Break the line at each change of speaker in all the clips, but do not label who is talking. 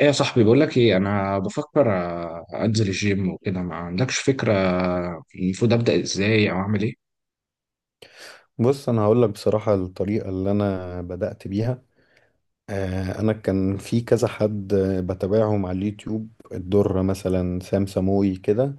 ايه يا صاحبي، بقول لك ايه، انا بفكر انزل الجيم وكده، ما عندكش فكره. المفروض ابدا ازاي او اعمل ايه؟
بص انا هقول لك بصراحه الطريقه اللي انا بدات بيها. انا كان في كذا حد بتابعهم على اليوتيوب، الدره مثلا، سام سموي كده.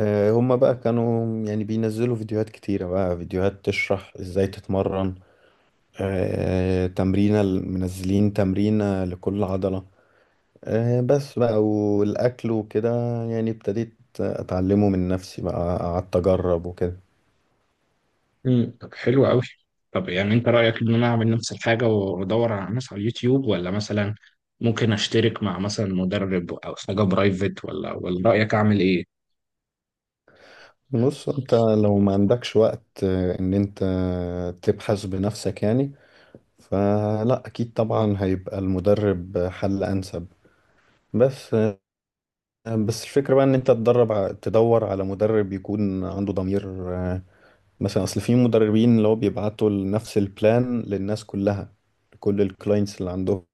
هما بقى كانوا يعني بينزلوا فيديوهات كتيره، بقى فيديوهات تشرح ازاي تتمرن. تمرينه، منزلين تمرينه لكل عضله. بس بقى، والاكل وكده، يعني ابتديت اتعلمه من نفسي، بقى قعدت اجرب وكده.
طب، حلو قوي. طب يعني انت رايك ان انا اعمل نفس الحاجه وادور على ناس على اليوتيوب، ولا مثلا ممكن اشترك مع مثلا مدرب او حاجه برايفت، ولا رايك اعمل ايه؟
بص انت لو ما عندكش وقت ان انت تبحث بنفسك يعني، فلا اكيد طبعا هيبقى المدرب حل انسب. بس آه، بس الفكرة بقى ان انت تدور على مدرب يكون عنده ضمير. مثلا اصل في مدربين اللي هو بيبعتوا نفس البلان للناس كلها، لكل الكلاينتس اللي عندهم.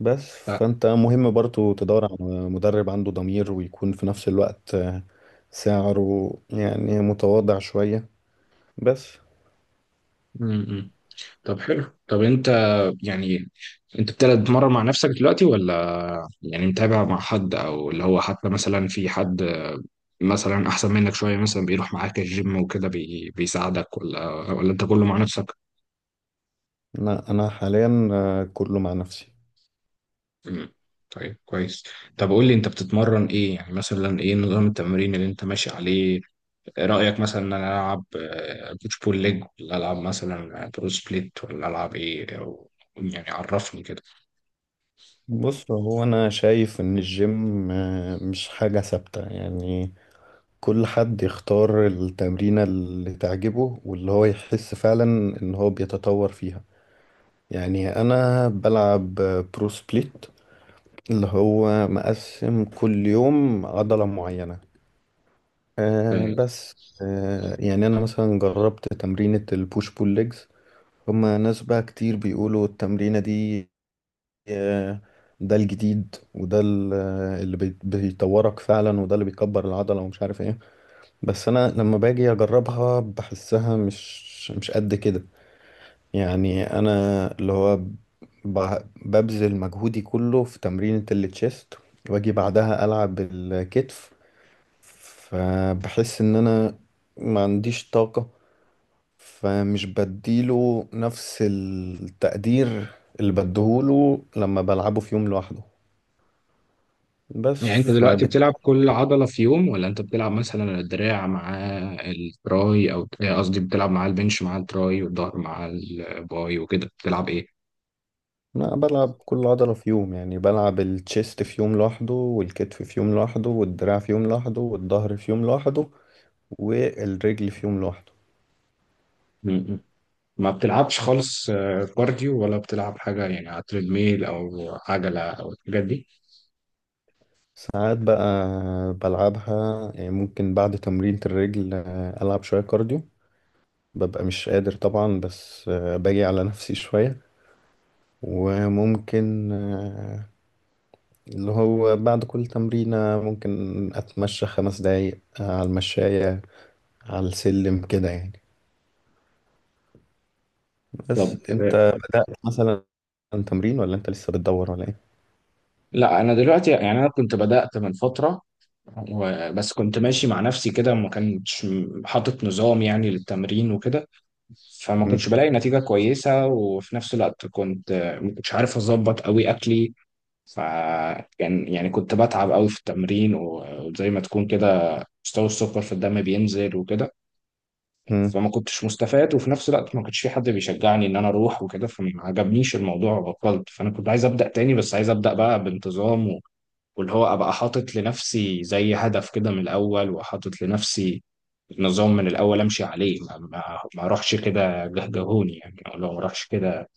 بس
ف...
فانت مهم برضو تدور على مدرب عنده ضمير، ويكون في نفس الوقت سعره يعني متواضع شوية. بس.
امم طب حلو. طب انت، يعني انت بتلعب، تتمرن مع نفسك دلوقتي ولا يعني متابع مع حد، او اللي هو حتى مثلا في حد مثلا احسن منك شويه، مثلا بيروح معاك الجيم وكده، بيساعدك، ولا انت كله مع نفسك؟
لا انا حاليا كله مع نفسي.
مم. طيب، كويس. طب قول لي، انت بتتمرن ايه؟ يعني مثلا ايه نظام التمرين اللي انت ماشي عليه؟ رايك مثلا ان انا العب بوش بول ليج، ولا العب مثلا برو سبليت، ولا العب ايه، أو يعني عرفني كده.
بص هو انا شايف ان الجيم مش حاجة ثابتة، يعني كل حد يختار التمرينة اللي تعجبه واللي هو يحس فعلا ان هو بيتطور فيها. يعني انا بلعب برو سبليت، اللي هو مقسم كل يوم عضلة معينة.
آه.
بس. يعني انا مثلا جربت تمرينة البوش بول ليجز، هما ناس بقى كتير بيقولوا التمرينة دي آه، ده الجديد، وده اللي بيطورك فعلا، وده اللي بيكبر العضلة ومش عارف ايه. بس انا لما باجي اجربها بحسها مش قد كده. يعني انا اللي هو ببذل مجهودي كله في تمرينة التشيست، واجي بعدها العب الكتف، فبحس ان انا ما عنديش طاقة، فمش بديله نفس التقدير اللي بديهوله لما بلعبه في يوم لوحده. بس
يعني انت دلوقتي بتلعب كل عضله في يوم، ولا انت بتلعب مثلا الدراع مع التراي، او قصدي بتلعب مع البنش مع التراي، والظهر مع الباي، وكده بتلعب ايه؟
لا، بلعب كل عضلة في يوم، يعني بلعب التشيست في يوم لوحده، والكتف في يوم لوحده، والدراع في يوم لوحده، والظهر في يوم لوحده، والرجل في يوم لوحده.
م. ما بتلعبش خالص كارديو، ولا بتلعب حاجة يعني على تريدميل أو عجلة أو الحاجات دي؟
ساعات بقى بلعبها، يعني ممكن بعد تمرينة الرجل ألعب شوية كارديو، ببقى مش قادر طبعا، بس باجي على نفسي شوية. وممكن اللي هو بعد كل تمرينة ممكن أتمشى 5 دقايق على المشاية، على السلم كده يعني.
طب
بس انت مثلا تمرين، ولا انت لسه بتدور، ولا ايه؟
لا، أنا دلوقتي يعني أنا كنت بدأت من فترة، بس كنت ماشي مع نفسي كده، ما كانش حاطط نظام يعني للتمرين وكده، فما
مم.
كنتش بلاقي نتيجة كويسة. وفي نفس الوقت كنت ما كنتش عارف أظبط أوي أكلي. فكان يعني كنت بتعب أوي في التمرين، وزي ما تكون كده مستوى السكر في الدم بينزل وكده،
مم.
فما كنتش مستفاد. وفي نفس الوقت ما كانش في حد بيشجعني ان انا اروح وكده، فما عجبنيش الموضوع وبطلت. فانا كنت عايز ابدا تاني، بس عايز ابدا بقى بانتظام، واللي هو ابقى حاطط لنفسي زي هدف كده من الاول، وحاطط لنفسي نظام من الاول امشي عليه. ما اروحش كده جهجهوني يعني، او لو ما اروحش كده،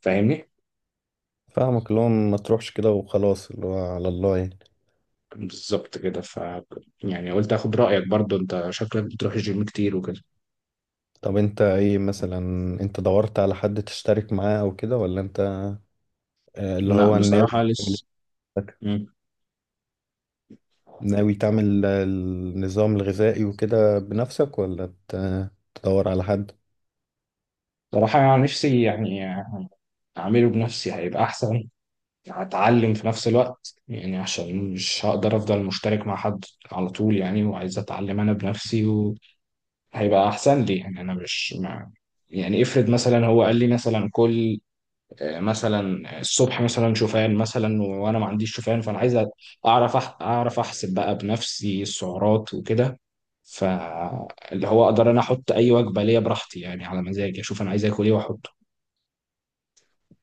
فاهمني؟
فاهمك، اللي هو ما تروحش كده وخلاص، اللي هو على الله يعني.
بالظبط كده. يعني قلت اخد رايك، برضو انت شكلك بتروح الجيم كتير وكده.
طب انت ايه مثلا؟ انت دورت على حد تشترك معاه او كده، ولا انت اللي
لا،
هو ناوي
بصراحه
تعمل-
لسه.
نفسك-
مم.
ناوي تعمل النظام الغذائي وكده بنفسك، ولا تدور على حد؟
بصراحه يعني نفسي يعني اعمله بنفسي، هيبقى احسن. هتعلم في نفس الوقت، يعني عشان مش هقدر افضل مشترك مع حد على طول يعني، وعايز اتعلم انا بنفسي، وهيبقى احسن لي. يعني انا مش مع، يعني افرض مثلا هو قال لي مثلا كل مثلا الصبح مثلا شوفان، مثلا وانا ما عنديش شوفان، فانا عايز اعرف اعرف احسب بقى بنفسي السعرات وكده، فاللي هو اقدر انا احط اي وجبه ليا براحتي، يعني على مزاجي اشوف انا عايز اكل ايه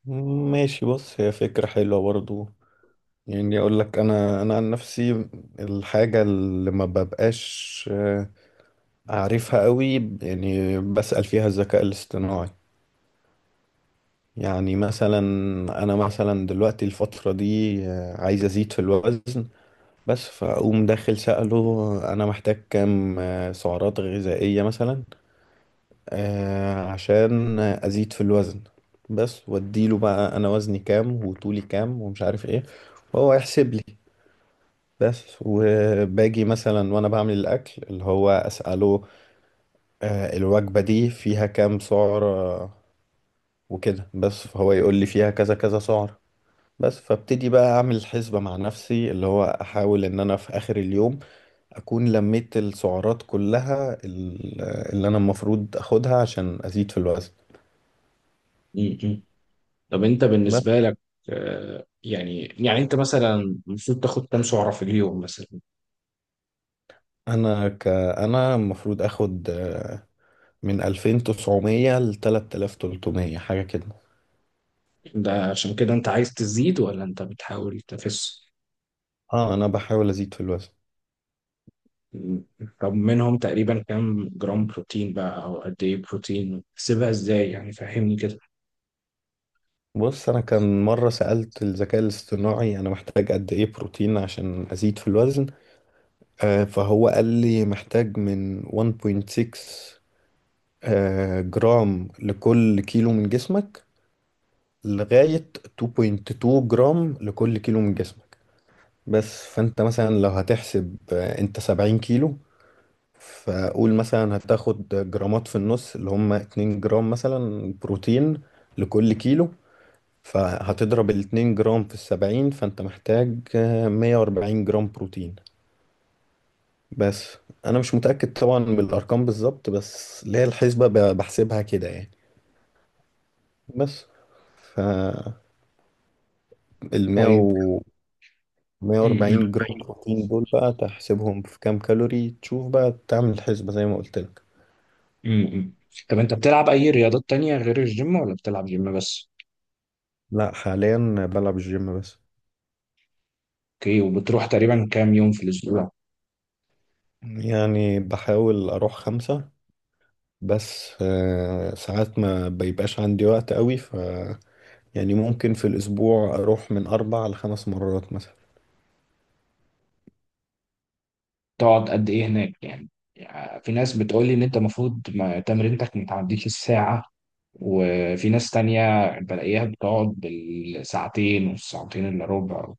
ماشي. بص هي فكرة حلوة برضو. يعني اقول لك، انا عن نفسي، الحاجة اللي ما ببقاش أعرفها قوي يعني بسأل فيها الذكاء الاصطناعي. يعني مثلا أنا مثلا دلوقتي الفترة دي عايز أزيد في الوزن، بس. فأقوم داخل سأله أنا محتاج كام سعرات غذائية مثلا، عشان أزيد في الوزن بس. وأديله بقى أنا وزني كام وطولي كام ومش عارف إيه، وهو يحسب لي بس. وباجي مثلا وأنا بعمل الأكل اللي هو أسأله الوجبة دي فيها كام سعر وكده، بس فهو يقول لي فيها كذا كذا سعر. بس فابتدي بقى اعمل حسبة مع نفسي، اللي هو احاول ان انا في اخر اليوم اكون لميت السعرات كلها، اللي انا المفروض اخدها عشان ازيد في الوزن.
واحطه. طب انت،
بس.
بالنسبه لك، يعني انت مثلا المفروض تاخد كام سعره في اليوم مثلا؟
انا المفروض اخد من 2900 ل 3300 حاجة كده.
ده عشان كده انت عايز تزيد، ولا انت بتحاول تخس؟
اه، انا بحاول ازيد في الوزن.
طب منهم تقريبا كام جرام بروتين بقى، او قد ايه بروتين، تسيبها ازاي يعني؟ فهمني كده.
بص، انا كان مرة سألت الذكاء الاصطناعي انا محتاج قد ايه بروتين عشان ازيد في الوزن، فهو قال لي محتاج من 1.6 جرام لكل كيلو من جسمك، لغاية 2.2 جرام لكل كيلو من جسمك. بس فانت مثلا لو هتحسب انت 70 كيلو، فقول مثلا هتاخد جرامات في النص اللي هم 2 جرام مثلا بروتين لكل كيلو، فهتضرب ال 2 جرام في ال 70، فانت محتاج 140 جرام بروتين بس. انا مش متأكد طبعا من الارقام بالظبط، بس اللي هي الحسبة بحسبها كده يعني. بس، فال 100
طيب.
و
م- م-
140 جرام بروتين دول بقى تحسبهم في كام كالوري، تشوف بقى تعمل الحسبة زي ما قلت لك.
م. طب انت بتلعب اي رياضات تانية غير الجيم، ولا بتلعب جيم بس؟
لا، حاليا بلعب الجيم بس.
اوكي. وبتروح تقريبا كام يوم في الاسبوع؟
يعني بحاول اروح 5، بس ساعات ما بيبقاش عندي وقت قوي، ف يعني ممكن في الاسبوع اروح من 4 ل5 مرات مثلا.
تقعد قد ايه هناك يعني؟ يعني في ناس بتقول لي ان انت المفروض تمرينتك ما تعديش الساعه، وفي ناس تانية بلاقيها بتقعد بالساعتين والساعتين إلا ربع،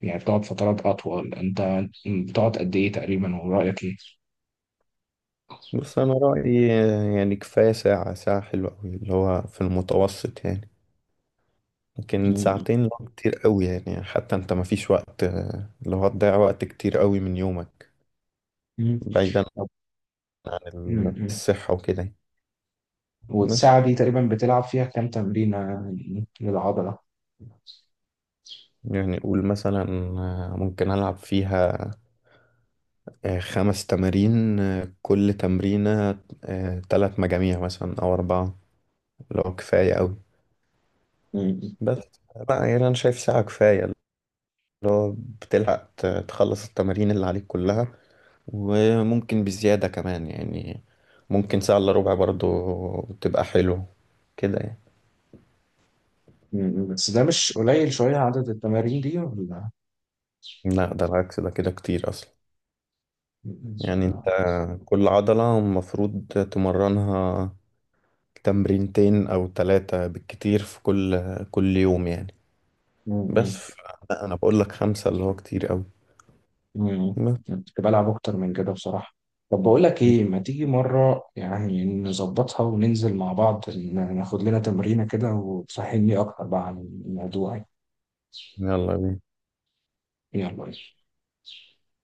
يعني بتقعد فترات أطول. أنت بتقعد قد إيه تقريبا، ورأيك إيه؟
بص، انا رايي يعني كفايه ساعه، ساعه حلوه قوي اللي هو في المتوسط يعني. لكن
مم.
ساعتين لو كتير قوي، يعني حتى انت ما فيش وقت، اللي هو هتضيع وقت كتير قوي من يومك،
مم.
بعيدا
طب-
عن
مم. مم.
الصحه وكده يعني. بس.
والساعة دي تقريبا بتلعب فيها كام تمرينة للعضلة؟
يعني قول مثلا ممكن العب فيها 5 تمارين، كل تمرينه 3 مجاميع مثلا او 4، لو كفايه قوي.
مم.
بس بقى، يعني انا شايف ساعه كفايه، اللي هو بتلحق تخلص التمارين اللي عليك كلها، وممكن بزيادة كمان يعني، ممكن ساعة إلا ربع برضو تبقى حلو كده يعني.
مم. بس ده مش قليل شوية عدد التمارين دي، ولا؟
لا، ده العكس، ده كده كتير أصلا.
مم.
يعني أنت كل عضلة المفروض تمرنها تمرينتين أو 3 بالكتير في كل يوم يعني. بس
مم.
لا، أنا بقول لك 5 اللي هو كتير أوي.
مم.
بس.
كنت بلعب اكتر من كده بصراحة. طب بقول لك ايه، ما تيجي مرة يعني نظبطها وننزل مع بعض، ناخد لنا تمرينة كده، وتفهمني اكتر بقى عن الموضوع يعني.
يلا بينا.
يلا.